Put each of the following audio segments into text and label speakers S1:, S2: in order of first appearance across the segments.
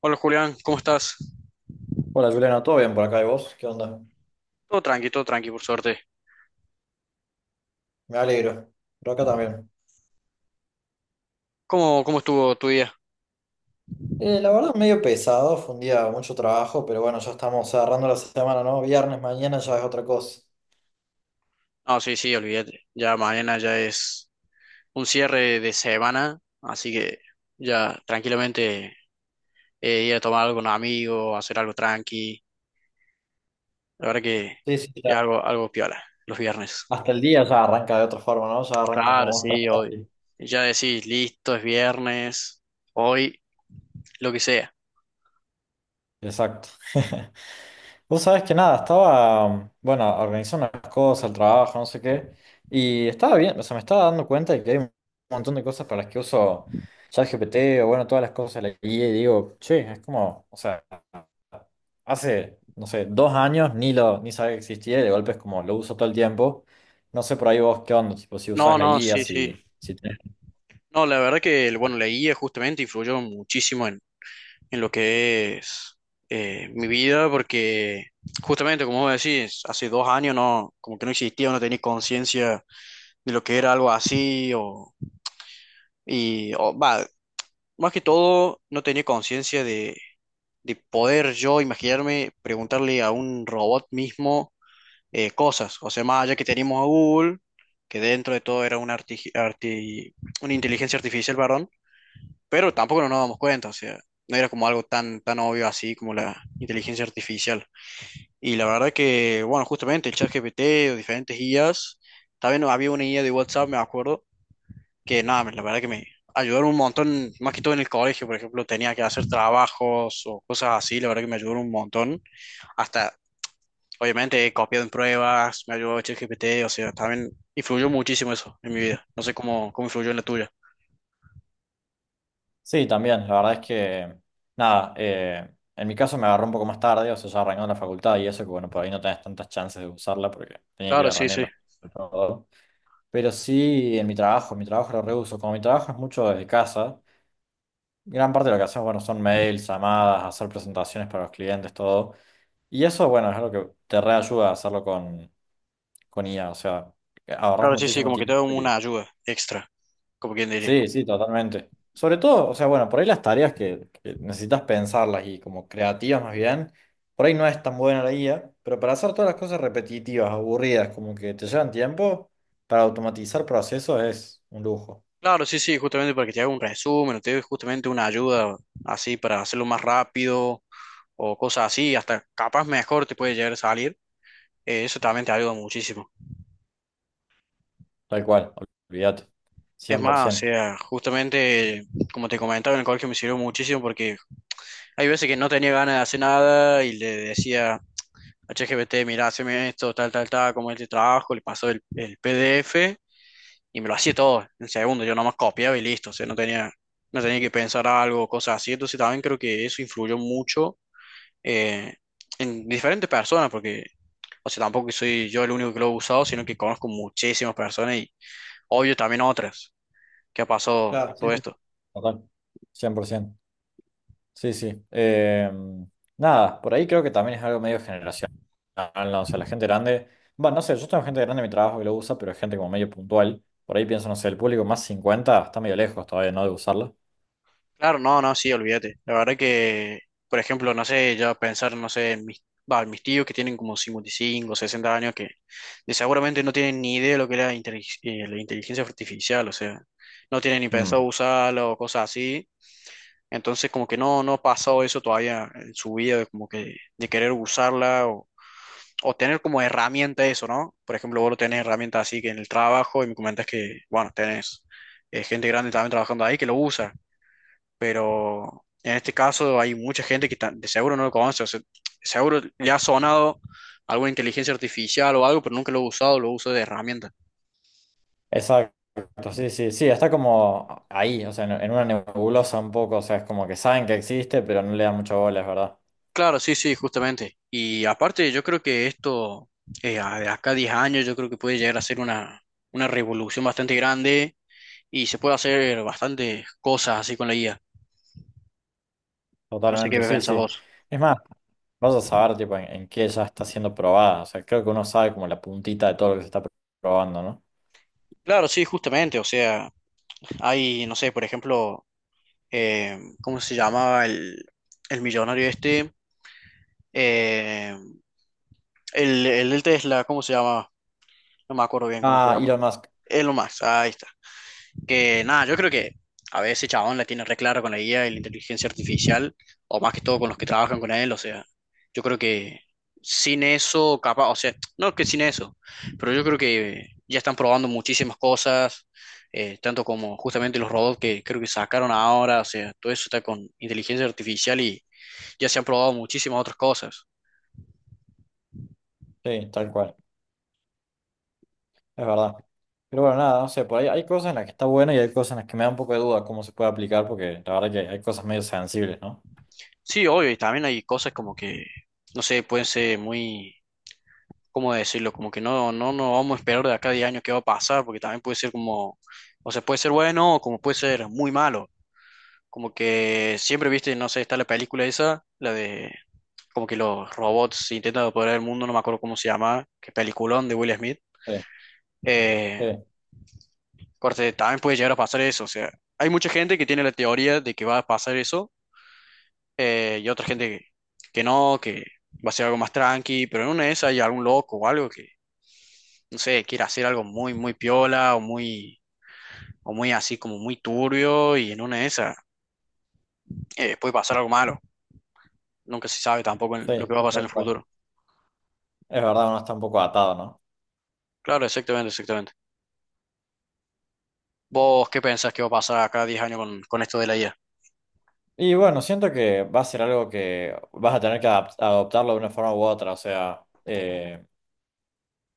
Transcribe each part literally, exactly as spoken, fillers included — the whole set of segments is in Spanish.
S1: Hola Julián, ¿cómo estás?
S2: Hola Juliana, ¿todo bien por acá y vos? ¿Qué onda?
S1: Todo tranqui, todo tranqui, por suerte.
S2: Me alegro. Por acá también.
S1: ¿Cómo, cómo estuvo tu día?
S2: Eh, la verdad, medio pesado, fue un día de mucho trabajo, pero bueno, ya estamos agarrando la semana, ¿no? Viernes, mañana ya es otra cosa.
S1: Ah, sí, sí, olvídate. Ya mañana ya es un cierre de semana, así que ya tranquilamente eh, ir a tomar algo con amigos, hacer algo tranqui. La verdad que
S2: Sí, sí,
S1: es
S2: ya.
S1: algo, algo piola, los viernes.
S2: Hasta el día ya arranca de otra forma, ¿no? Ya arranca
S1: Claro,
S2: como vos
S1: sí, hoy.
S2: trabajaste.
S1: Ya decís, listo, es viernes, hoy, lo que sea.
S2: Exacto. Vos sabés que nada, estaba, bueno, organizando unas cosas, el trabajo, no sé qué, y estaba bien, o sea, me estaba dando cuenta de que hay un montón de cosas para las que uso ChatGPT o bueno, todas las cosas de la I A y digo, che, es como, o sea, hace, no sé, dos años ni lo, ni sabía que existía y de golpe es como lo uso todo el tiempo. No sé por ahí vos qué onda, tipo, si
S1: No,
S2: usás la
S1: no,
S2: I A,
S1: sí, sí.
S2: si, si.
S1: No, la verdad que, bueno, la guía justamente influyó muchísimo en lo que es eh, mi vida, porque justamente, como vos decís, hace dos años no, como que no existía, no tenía conciencia de lo que era algo así, o, y, o, va, más que todo, no tenía conciencia de, de poder yo imaginarme preguntarle a un robot mismo eh, cosas, o sea, más allá que teníamos a Google, que dentro de todo era una, arti- arti- una inteligencia artificial, varón, pero tampoco nos dábamos cuenta, o sea, no era como algo tan, tan obvio así como la inteligencia artificial. Y la verdad que, bueno, justamente el ChatGPT o diferentes I As, también había una I A de WhatsApp, me acuerdo, que nada, la verdad que me ayudaron un montón, más que todo en el colegio, por ejemplo, tenía que hacer trabajos o cosas así, la verdad que me ayudaron un montón, hasta... Obviamente he copiado en pruebas, me ayudó ChatGPT, o sea, también influyó muchísimo eso en mi vida. No sé cómo, cómo influyó en la tuya.
S2: Sí, también, la verdad es que, nada, eh, en mi caso me agarró un poco más tarde, o sea, ya arrancó en la facultad y eso, que bueno, por ahí no tenés tantas chances de usarla porque tenía que ir
S1: Claro,
S2: a
S1: sí,
S2: rendir en
S1: sí.
S2: la facultad. Pero sí, en mi trabajo, mi trabajo, lo reuso. Como mi trabajo es mucho desde casa, gran parte de lo que hacemos, bueno, son mails, llamadas, hacer presentaciones para los clientes, todo. Y eso, bueno, es algo que te reayuda a hacerlo con, con I A, o sea, ahorras
S1: Claro, sí, sí,
S2: muchísimo
S1: como que te
S2: tiempo.
S1: da una ayuda extra, como quien diría.
S2: Sí, sí, totalmente. Sobre todo, o sea, bueno, por ahí las tareas que, que necesitas pensarlas y como creativas más bien, por ahí no es tan buena la guía, pero para hacer todas las cosas repetitivas, aburridas, como que te llevan tiempo, para automatizar procesos es un lujo.
S1: Claro, sí, sí, justamente para que te haga un resumen, o te dé justamente una ayuda así para hacerlo más rápido o cosas así, hasta capaz mejor te puede llegar a salir. Eh, eso también te ayuda muchísimo.
S2: Tal cual, olvídate.
S1: Es más, o
S2: cien por ciento.
S1: sea, justamente, como te comentaba, en el colegio me sirvió muchísimo porque hay veces que no tenía ganas de hacer nada y le decía a ChatGPT, mira, haceme esto, tal, tal, tal, como este trabajo, le pasó el, el P D F y me lo hacía todo en segundo, yo nomás copiaba y listo, o sea, no tenía, no tenía que pensar algo, cosas así, entonces también creo que eso influyó mucho eh, en diferentes personas, porque, o sea, tampoco soy yo el único que lo he usado, sino que conozco muchísimas personas y obvio también otras que ha pasado
S2: Claro. Sí,
S1: todo
S2: sí.
S1: esto.
S2: Total. cien por ciento. Sí, sí. Eh, nada, por ahí creo que también es algo medio generacional, ¿no? O sea, la gente grande, bueno, no sé, yo tengo gente grande en mi trabajo que lo usa, pero es gente como medio puntual. Por ahí pienso, no sé, el público más cincuenta está medio lejos todavía, ¿no? De usarla.
S1: Claro, no, no, sí, olvídate. La verdad que, por ejemplo, no sé, ya pensar, no sé, en mis, va, en mis tíos que tienen como cincuenta y cinco, sesenta años, que de- seguramente no tienen ni idea de lo que es la, intelig- eh, la inteligencia artificial, o sea, no tienen ni pensado
S2: Mm.
S1: usarlo o cosas así. Entonces, como que no, no ha pasado eso todavía en su vida, de como que de querer usarla o, o tener como herramienta eso, ¿no? Por ejemplo, vos lo tenés herramienta así que en el trabajo y me comentas que, bueno, tenés eh, gente grande también trabajando ahí que lo usa, pero en este caso hay mucha gente que ta- de seguro no lo conoce, o sea, seguro le ha sonado alguna inteligencia artificial o algo, pero nunca lo ha usado, lo usa de herramienta.
S2: Exacto, sí, sí, sí, está como ahí, o sea, en, en, una nebulosa un poco, o sea, es como que saben que existe, pero no le dan mucha bola, es verdad.
S1: Claro, sí, sí, justamente. Y aparte, yo creo que esto, eh, a- de acá a diez años, yo creo que puede llegar a ser una, una revolución bastante grande y se puede hacer bastantes cosas así con la I A. No sé qué
S2: Totalmente, sí,
S1: pensás
S2: sí.
S1: vos.
S2: Es más, vas a saber, tipo, en, en qué ya está siendo probada, o sea, creo que uno sabe como la puntita de todo lo que se está probando, ¿no?
S1: Claro, sí, justamente. O sea, hay, no sé, por ejemplo, eh, ¿cómo se llamaba el, el millonario este? Eh, el, el del Tesla, ¿cómo se llama? No me acuerdo bien cómo se
S2: Ah,
S1: llama.
S2: Elon Musk,
S1: Elon Musk, ahí está. Que nada, yo creo que a veces ese chabón la tiene re clara con la guía y la inteligencia artificial, o más que todo con los que trabajan con él, o sea, yo creo que sin eso, capaz, o sea, no que sin eso, pero yo creo que ya están probando muchísimas cosas, eh, tanto como justamente los robots que creo que sacaron ahora, o sea, todo eso está con inteligencia artificial y ya se han probado muchísimas otras cosas.
S2: sí, tal cual, es verdad. Pero bueno, nada, no sé, por ahí hay cosas en las que está bueno y hay cosas en las que me da un poco de duda cómo se puede aplicar, porque la verdad que hay cosas medio sensibles, ¿no?
S1: Sí, obvio, y también hay cosas como que, no sé, pueden ser muy ¿cómo decirlo? Como que no, no, no vamos a esperar de acá a diez años qué va a pasar, porque también puede ser como, o sea, puede ser bueno o como puede ser muy malo. Como que siempre viste, no sé, está la película esa, la de como que los robots intentan apoderar el mundo, no me acuerdo cómo se llama, qué peliculón de Will Smith.
S2: Sí,
S1: Eh,
S2: sí,
S1: corte, también puede llegar a pasar eso, o sea, hay mucha gente que tiene la teoría de que va a pasar eso, eh, y otra gente que, que no, que va a ser algo más tranqui, pero en una de esas hay algún loco o algo que no sé, quiere hacer algo muy, muy piola o muy, o muy así como muy turbio y en una de esas eh, puede pasar algo malo. Nunca se sabe tampoco en
S2: sí,
S1: lo que va a
S2: sí,
S1: pasar en
S2: tal
S1: el
S2: cual.
S1: futuro.
S2: Es verdad, uno está un poco atado, ¿no?
S1: Claro, exactamente, exactamente. ¿Vos qué pensás que va a pasar acá diez años con, con esto de la I A?
S2: Y bueno, siento que va a ser algo que vas a tener que adap- adoptarlo de una forma u otra, o sea, eh,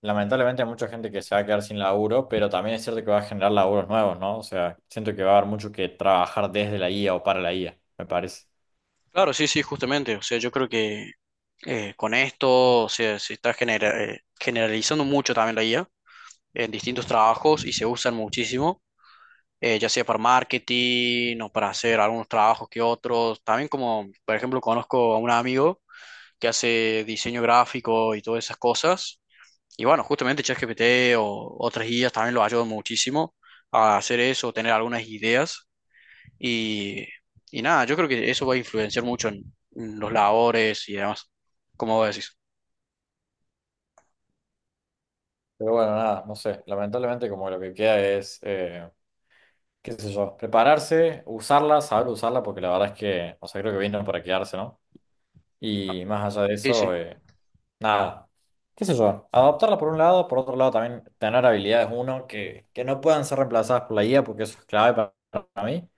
S2: lamentablemente hay mucha gente que se va a quedar sin laburo, pero también es cierto que va a generar laburos nuevos, ¿no? O sea, siento que va a haber mucho que trabajar desde la I A o para la I A, me parece.
S1: Claro, sí, sí, justamente. O sea, yo creo que eh, con esto, o sea, se está genera- eh, generalizando mucho también la I A en distintos trabajos y se usan muchísimo. Eh, ya sea para marketing o para hacer algunos trabajos que otros. También como, por ejemplo, conozco a un amigo que hace diseño gráfico y todas esas cosas. Y bueno, justamente ChatGPT o otras guías también lo ayudan muchísimo a hacer eso, tener algunas ideas. Y, y nada, yo creo que eso va a influenciar mucho en, en los labores y demás, como vos decís.
S2: Pero bueno, nada, no sé. Lamentablemente como lo que queda es, eh, qué sé yo, prepararse, usarla, saber usarla, porque la verdad es que, o sea, creo que vino para quedarse, ¿no?
S1: Ah,
S2: Y más allá de
S1: sí, sí.
S2: eso, eh, nada, qué sé yo, adaptarla por un lado, por otro lado también tener habilidades, uno, que, que no puedan ser reemplazadas por la I A, porque eso es clave para para mí.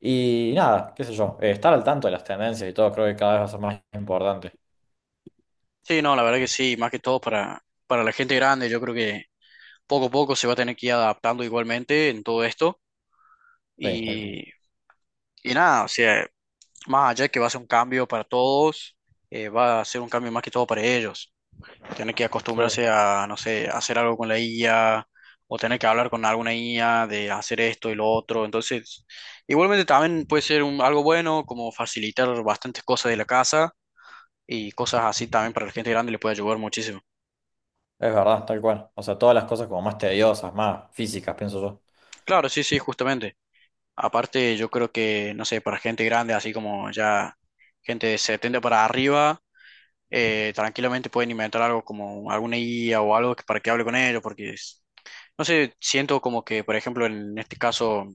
S2: Y nada, qué sé yo, eh, estar al tanto de las tendencias y todo creo que cada vez va a ser más importante.
S1: Sí, no, la verdad que sí, más que todo para, para la gente grande, yo creo que poco a poco se va a tener que ir adaptando igualmente en todo esto.
S2: Sí, tal cual.
S1: Y, y nada, o sea, más allá de que va a ser un cambio para todos, eh, va a ser un cambio más que todo para ellos. Tener que
S2: Sí, es
S1: acostumbrarse a, no sé, hacer algo con la I A o tener que hablar con alguna I A de hacer esto y lo otro. Entonces, igualmente también puede ser un, algo bueno como facilitar bastantes cosas de la casa y cosas así también para la gente grande le puede ayudar muchísimo.
S2: verdad, tal cual. O sea, todas las cosas como más tediosas, más físicas, pienso yo.
S1: Claro, sí, sí, justamente. Aparte, yo creo que, no sé, para gente grande, así como ya gente de setenta para arriba, eh, tranquilamente pueden inventar algo como alguna guía o algo que- para que hable con ellos, porque, es- no sé, siento como que, por ejemplo, en este caso,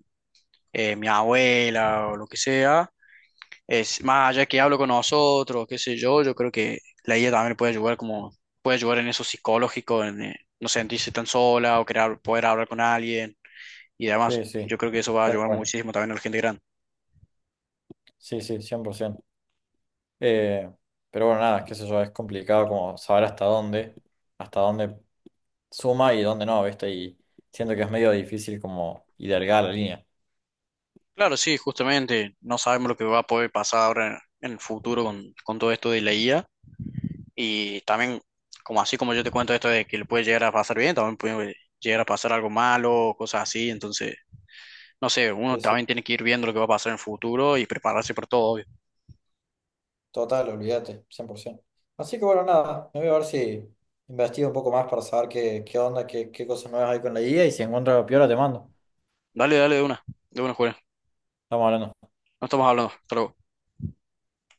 S1: eh, mi abuela o lo que sea, es más allá que hablo con nosotros, qué sé yo, yo creo que la guía también puede ayudar como, puede ayudar en eso psicológico, en eh, no sentirse tan sola o querer, hab- poder hablar con alguien y
S2: Sí,
S1: además, yo
S2: sí,
S1: creo que eso va a
S2: tal
S1: ayudar
S2: cual.
S1: muchísimo también a la gente grande.
S2: Sí, sí, cien por ciento. Eh, pero bueno, nada, qué sé yo, es complicado como saber hasta dónde, hasta dónde, suma y dónde no, ¿viste? Y siento que es medio difícil como hilargar la línea.
S1: Claro, sí, justamente no sabemos lo que va a poder pasar ahora en el futuro con, con todo esto de la I A. Y también, como así como yo te cuento esto de que le puede llegar a pasar bien, también puede llegar a pasar algo malo, cosas así. Entonces, no sé, uno
S2: Sí, sí.
S1: también tiene que ir viendo lo que va a pasar en el futuro y prepararse por todo, obvio.
S2: Total, olvídate, cien por ciento. Así que bueno, nada, me voy a ver si investigo un poco más para saber qué, qué, onda, qué, qué cosas nuevas hay con la guía y si encuentro algo piola te mando.
S1: Dale, dale de una, de una, Julián.
S2: Estamos hablando.
S1: No estamos hablando. Hasta luego.